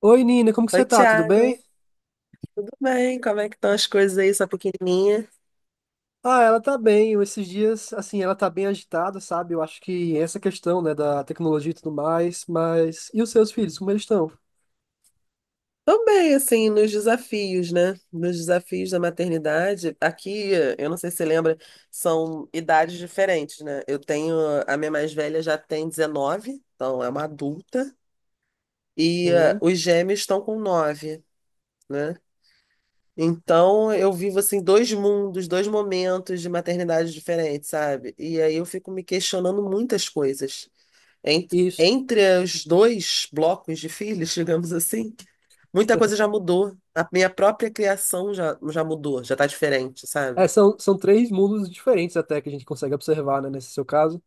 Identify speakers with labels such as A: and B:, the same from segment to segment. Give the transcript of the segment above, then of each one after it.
A: Oi, Nina, como que
B: Oi,
A: você tá? Tudo
B: Thiago.
A: bem?
B: Tudo bem? Como é que estão as coisas aí, sua pequenininha?
A: Ah, ela tá bem. Eu, esses dias, assim, ela tá bem agitada, sabe? Eu acho que essa questão, né, da tecnologia e tudo mais, mas... E os seus filhos, como eles estão?
B: Tô bem, assim, nos desafios, né? Nos desafios da maternidade. Aqui, eu não sei se você lembra, são idades diferentes, né? Eu tenho, a minha mais velha já tem 19, então é uma adulta, e
A: Sim,
B: os gêmeos estão com 9, né? Então, eu vivo, assim, dois mundos, dois momentos de maternidade diferentes, sabe? E aí eu fico me questionando muitas coisas. Ent-
A: isso.
B: Entre os dois blocos de filhos, digamos assim, muita coisa já mudou. A minha própria criação já mudou, já tá diferente, sabe?
A: É, são três mundos diferentes até que a gente consegue observar, né, nesse seu caso.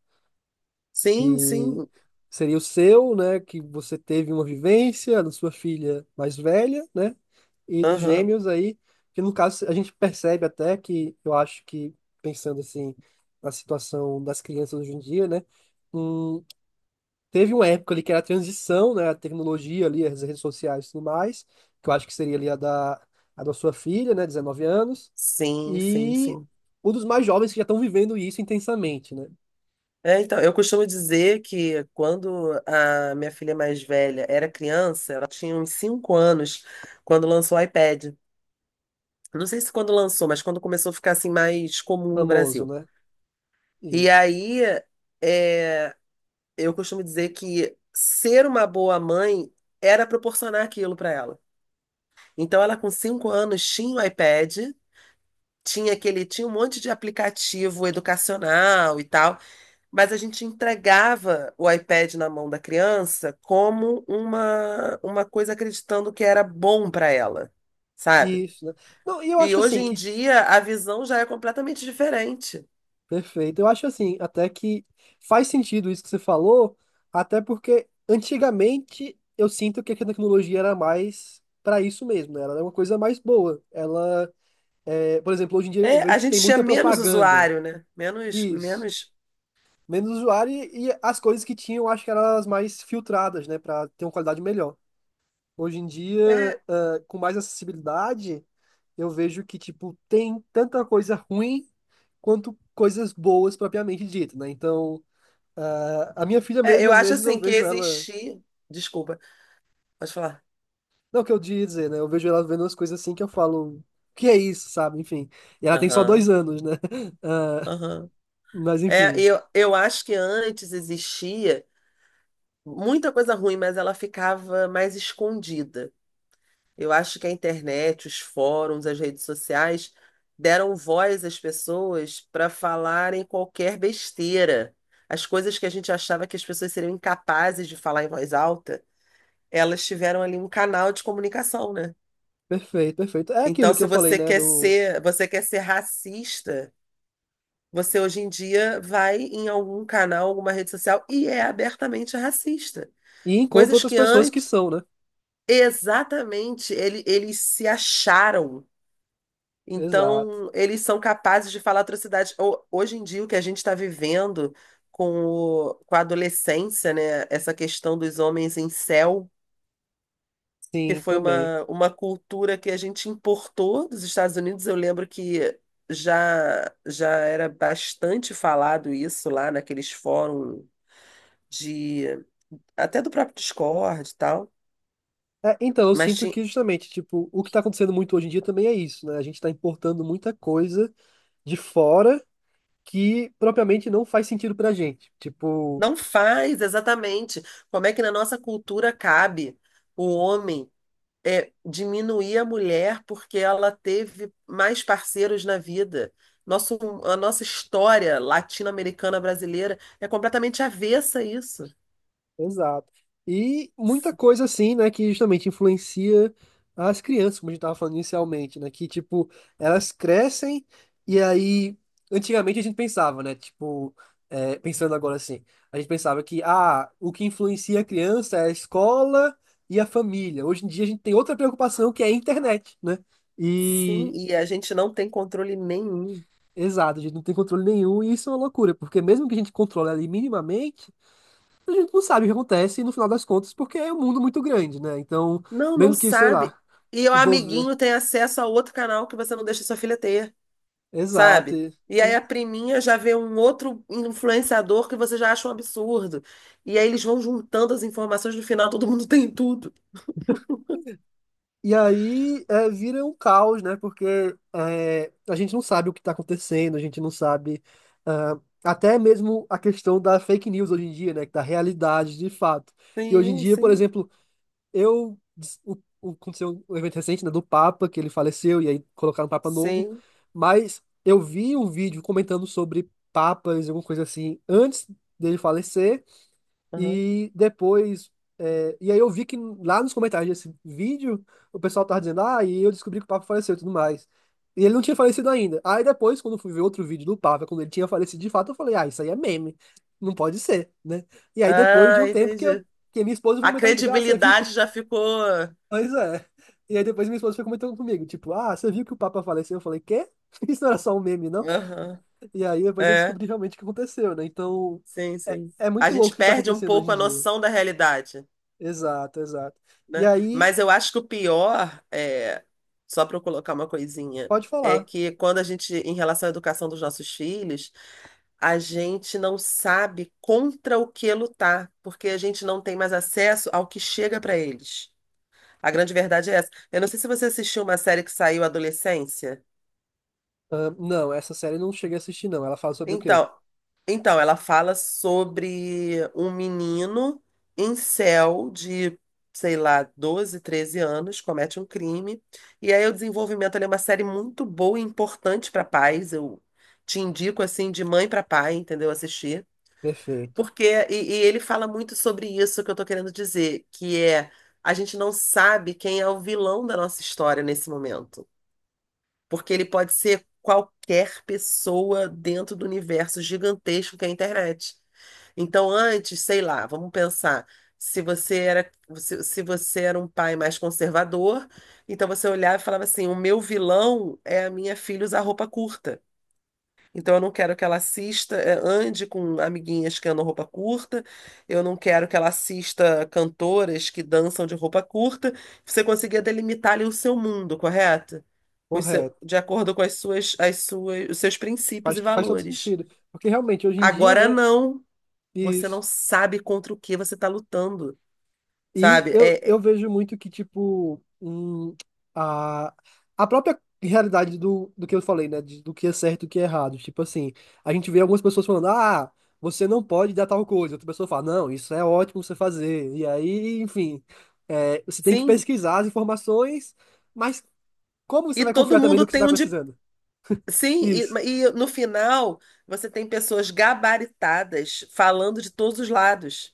B: Sim,
A: Que
B: sim.
A: seria o seu, né? Que você teve uma vivência da sua filha mais velha, né? E dos
B: Aham.
A: gêmeos aí, que no caso a gente percebe até que eu acho que pensando assim na situação das crianças hoje em dia, né? hum, Teve uma época ali que era a transição, né? A tecnologia ali, as redes sociais e tudo mais, que eu acho que seria ali a da sua filha, né? 19 anos,
B: Sim, sim,
A: e
B: sim.
A: um dos mais jovens que já estão vivendo isso intensamente, né?
B: É, então, eu costumo dizer que quando a minha filha mais velha era criança, ela tinha uns 5 anos quando lançou o iPad. Não sei se quando lançou, mas quando começou a ficar assim mais comum no
A: Famoso,
B: Brasil.
A: né?
B: E
A: Isso.
B: aí, é, eu costumo dizer que ser uma boa mãe era proporcionar aquilo para ela. Então, ela com cinco anos tinha o iPad, tinha aquele, tinha um monte de aplicativo educacional e tal, mas a gente entregava o iPad na mão da criança como uma coisa acreditando que era bom para ela, sabe?
A: Isso, né? Não, e eu
B: E
A: acho
B: hoje
A: assim
B: em
A: que.
B: dia a visão já é completamente diferente.
A: Perfeito. Eu acho assim, até que faz sentido isso que você falou, até porque antigamente eu sinto que a tecnologia era mais para isso mesmo, né? Ela era uma coisa mais boa. Ela, é, por exemplo, hoje em dia eu
B: É, a
A: vejo que tem
B: gente tinha
A: muita
B: menos
A: propaganda.
B: usuário, né? Menos,
A: Isso.
B: menos.
A: Menos usuário e as coisas que tinham, acho que eram as mais filtradas, né? Para ter uma qualidade melhor. Hoje em dia,
B: É,
A: ah, com mais acessibilidade, eu vejo que, tipo, tem tanta coisa ruim quanto coisas boas propriamente dito, né? Então, ah, a minha filha
B: é,
A: mesmo,
B: eu
A: às
B: acho
A: vezes eu
B: assim que
A: vejo ela,
B: existir. Desculpa, pode falar.
A: não que eu diga dizer, né? Eu vejo ela vendo umas coisas assim que eu falo, que é isso, sabe? Enfim, e ela tem só
B: Aham,
A: 2 anos, né? Ah,
B: aham.
A: mas
B: É,
A: enfim,
B: eu acho que antes existia muita coisa ruim, mas ela ficava mais escondida. Eu acho que a internet, os fóruns, as redes sociais deram voz às pessoas para falarem qualquer besteira. As coisas que a gente achava que as pessoas seriam incapazes de falar em voz alta, elas tiveram ali um canal de comunicação, né?
A: perfeito, perfeito. É aquilo
B: Então,
A: que eu
B: se
A: falei,
B: você
A: né?
B: quer
A: Do...
B: ser, você quer ser racista. Você hoje em dia vai em algum canal, alguma rede social e é abertamente racista.
A: E encontro
B: Coisas
A: outras
B: que
A: pessoas que
B: antes,
A: são, né?
B: exatamente, eles se acharam.
A: Exato.
B: Então, eles são capazes de falar atrocidades. Hoje em dia, o que a gente está vivendo com, com a adolescência, né? Essa questão dos homens em incel, que
A: Sim,
B: foi
A: também.
B: uma cultura que a gente importou dos Estados Unidos. Eu lembro que já já era bastante falado isso lá naqueles fóruns de até do próprio Discord e tal,
A: É, então, eu
B: mas
A: sinto que justamente, tipo, o que está acontecendo muito hoje em dia também é isso, né? A gente está importando muita coisa de fora que propriamente não faz sentido pra gente. Tipo,
B: não faz exatamente como é que na nossa cultura cabe o homem diminuir a mulher porque ela teve mais parceiros na vida. Nosso, a nossa história latino-americana brasileira é completamente avessa a isso.
A: exato. E muita
B: S-
A: coisa assim, né, que justamente influencia as crianças, como a gente estava falando inicialmente, né, que tipo, elas crescem e aí antigamente a gente pensava, né, tipo, é, pensando agora assim, a gente pensava que ah, o que influencia a criança é a escola e a família. Hoje em dia a gente tem outra preocupação que é a internet, né?
B: Sim,
A: E
B: e a gente não tem controle nenhum.
A: exato, a gente não tem controle nenhum e isso é uma loucura, porque mesmo que a gente controle ali minimamente, a gente não sabe o que acontece no final das contas, porque é um mundo muito grande, né? Então,
B: Não, não
A: mesmo que, sei lá,
B: sabe. E o
A: vou ver.
B: amiguinho tem acesso a outro canal que você não deixa sua filha ter.
A: Exato.
B: Sabe? E
A: E,
B: aí
A: e
B: a priminha já vê um outro influenciador que você já acha um absurdo. E aí eles vão juntando as informações, no final todo mundo tem tudo.
A: e aí é, vira um caos, né? Porque é, a gente não sabe o que está acontecendo, a gente não sabe. Ah, até mesmo a questão da fake news hoje em dia, né? Da realidade de fato. Que hoje em
B: Sim,
A: dia, por
B: sim,
A: exemplo, eu, o, aconteceu um evento recente, né, do Papa, que ele faleceu, e aí colocaram um Papa novo,
B: sim.
A: mas eu vi um vídeo comentando sobre papas, alguma coisa assim, antes dele falecer,
B: Aham.
A: e depois, é, e aí eu vi que lá nos comentários desse vídeo, o pessoal tava dizendo, ah, e eu descobri que o Papa faleceu e tudo mais. E ele não tinha falecido ainda. Aí depois, quando eu fui ver outro vídeo do Papa, quando ele tinha falecido de fato, eu falei, ah, isso aí é meme, não pode ser, né? E aí depois de um
B: Ah,
A: tempo que eu
B: entendi.
A: que minha esposa foi
B: A
A: comentar comigo, ah, você viu que...
B: credibilidade já ficou.
A: Pois é. E aí depois minha esposa foi comentando comigo, tipo, ah, você viu que o Papa faleceu? Eu falei, quê? Isso não era só um meme, não?
B: Aham.
A: E aí depois eu
B: É,
A: descobri realmente o que aconteceu, né? Então,
B: sim,
A: é,
B: sim.
A: é
B: A
A: muito
B: gente
A: louco o que tá
B: perde um
A: acontecendo hoje
B: pouco
A: em
B: a
A: dia.
B: noção da realidade,
A: Exato, exato. E
B: né?
A: aí,
B: Mas eu acho que o pior é, só para eu colocar uma coisinha,
A: pode
B: é
A: falar.
B: que quando a gente, em relação à educação dos nossos filhos, a gente não sabe contra o que lutar, porque a gente não tem mais acesso ao que chega para eles. A grande verdade é essa. Eu não sei se você assistiu uma série que saiu Adolescência.
A: Ah, não, essa série eu não cheguei a assistir, não. Ela fala sobre o quê?
B: Então, então ela fala sobre um menino incel de, sei lá, 12 13 anos, comete um crime. E aí o desenvolvimento ele é uma série muito boa e importante para pais. Eu te indico assim de mãe para pai, entendeu? Assistir.
A: Perfeito.
B: Porque, e ele fala muito sobre isso que eu tô querendo dizer, que é a gente não sabe quem é o vilão da nossa história nesse momento. Porque ele pode ser qualquer pessoa dentro do universo gigantesco que é a internet. Então, antes, sei lá, vamos pensar. Se você era, se você era um pai mais conservador, então você olhava e falava assim: o meu vilão é a minha filha usar roupa curta. Então, eu não quero que ela assista, ande com amiguinhas que andam roupa curta, eu não quero que ela assista cantoras que dançam de roupa curta. Você conseguia delimitar ali o seu mundo, correto? Com o
A: Correto.
B: de acordo com as suas, os seus princípios
A: Faz,
B: e
A: faz todo
B: valores.
A: sentido. Porque realmente, hoje em dia,
B: Agora
A: né?
B: não, você não
A: Isso.
B: sabe contra o que você está lutando,
A: E
B: sabe?
A: eu, eu vejo muito que, tipo, a, a própria realidade do, do que eu falei, né? Do que é certo e o que é errado. Tipo assim, a gente vê algumas pessoas falando, ah, você não pode dar tal coisa. Outra pessoa fala, não, isso é ótimo você fazer. E aí, enfim, é, você tem que
B: Sim,
A: pesquisar as informações, mas como você
B: e
A: vai
B: todo
A: confiar também no
B: mundo
A: que você
B: tem
A: está
B: um de.
A: precisando?
B: Sim,
A: Isso,
B: e no final você tem pessoas gabaritadas falando de todos os lados.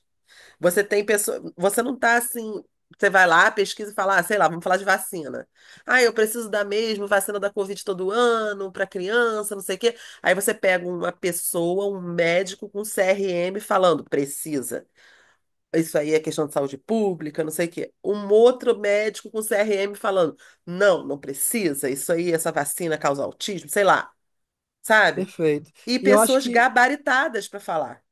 B: Você tem pessoa, você não tá assim, você vai lá, pesquisa e fala, ah, sei lá, vamos falar de vacina. Ah, eu preciso da mesma vacina da Covid todo ano para criança, não sei o quê. Aí você pega uma pessoa, um médico com CRM falando, precisa. Isso aí é questão de saúde pública, não sei o quê. Um outro médico com CRM falando, não, não precisa. Isso aí, essa vacina causa autismo, sei lá, sabe?
A: perfeito.
B: E
A: E eu acho
B: pessoas
A: que,
B: gabaritadas para falar.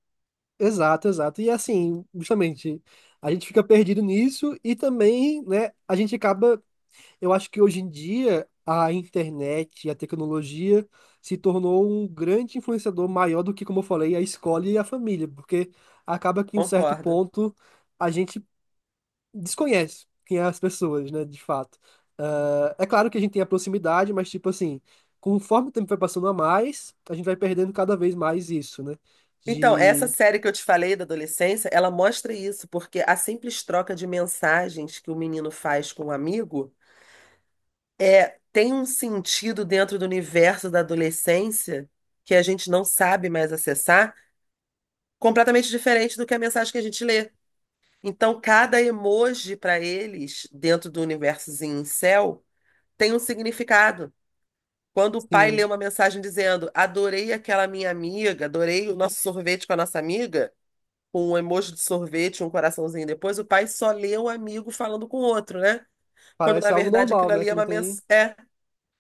A: exato, exato. E assim, justamente. A gente fica perdido nisso e também, né, a gente acaba. Eu acho que hoje em dia a internet e a tecnologia se tornou um grande influenciador maior do que, como eu falei, a escola e a família, porque acaba que em um certo
B: Concordo.
A: ponto a gente desconhece quem é as pessoas, né, de fato. Ah, é claro que a gente tem a proximidade, mas tipo assim, conforme o tempo vai passando a mais, a gente vai perdendo cada vez mais isso, né?
B: Então, essa
A: De,
B: série que eu te falei da adolescência, ela mostra isso, porque a simples troca de mensagens que o menino faz com o amigo é tem um sentido dentro do universo da adolescência que a gente não sabe mais acessar, completamente diferente do que a mensagem que a gente lê. Então, cada emoji para eles, dentro do universozinho incel, tem um significado. Quando o pai lê
A: sim,
B: uma mensagem dizendo: Adorei aquela minha amiga, adorei o nosso sorvete com a nossa amiga. Com um emoji de sorvete, um coraçãozinho depois, o pai só lê o amigo falando com o outro, né? Quando na
A: parece algo
B: verdade aquilo
A: normal, né,
B: ali é
A: que não
B: uma
A: tem.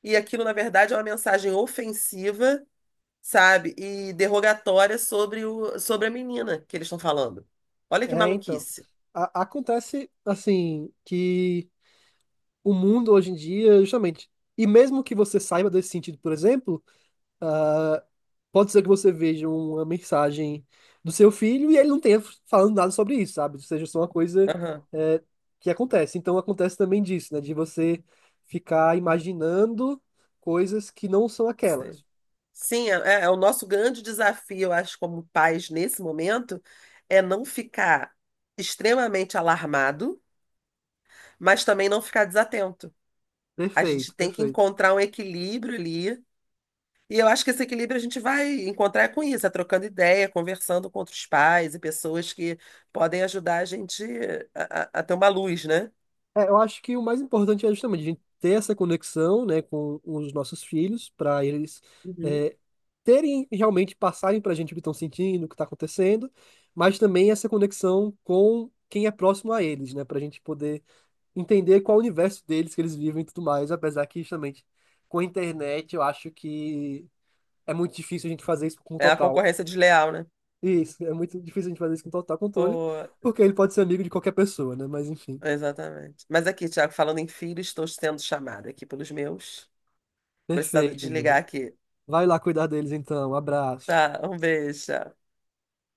B: e aquilo na verdade é uma mensagem ofensiva, sabe? E derrogatória sobre o sobre a menina que eles estão falando. Olha que
A: É, então.
B: maluquice.
A: Acontece assim que o mundo hoje em dia, justamente. E mesmo que você saiba desse sentido, por exemplo, ah, pode ser que você veja uma mensagem do seu filho e ele não tenha falando nada sobre isso, sabe? Ou seja, só uma coisa,
B: Aham.
A: eh, que acontece. Então acontece também disso, né? De você ficar imaginando coisas que não são
B: Sim,
A: aquelas.
B: sim, é é o nosso grande desafio, eu acho, como pais nesse momento, é não ficar extremamente alarmado, mas também não ficar desatento. A gente
A: Perfeito,
B: tem que
A: perfeito.
B: encontrar um equilíbrio ali. E eu acho que esse equilíbrio a gente vai encontrar com isso, é trocando ideia, conversando com outros pais e pessoas que podem ajudar a gente a, a ter uma luz, né?
A: É, eu acho que o mais importante é justamente a gente ter essa conexão, né, com os nossos filhos, para eles
B: Uhum.
A: é, terem realmente passarem para a gente o que estão sentindo, o que está acontecendo, mas também essa conexão com quem é próximo a eles, né, para a gente poder entender qual o universo deles que eles vivem e tudo mais, apesar que justamente com a internet eu acho que é muito difícil a gente fazer isso com
B: É a
A: total.
B: concorrência desleal, né?
A: Isso, é muito difícil a gente fazer isso com total controle,
B: Ô,
A: porque ele pode ser amigo de qualquer pessoa, né? Mas enfim,
B: exatamente. Mas aqui, Tiago, falando em filho, estou sendo chamada aqui pelos meus. Vou precisar
A: perfeito, né?
B: desligar
A: Né?
B: aqui.
A: Vai lá cuidar deles então. Abraço.
B: Tá, um beijo. Tchau.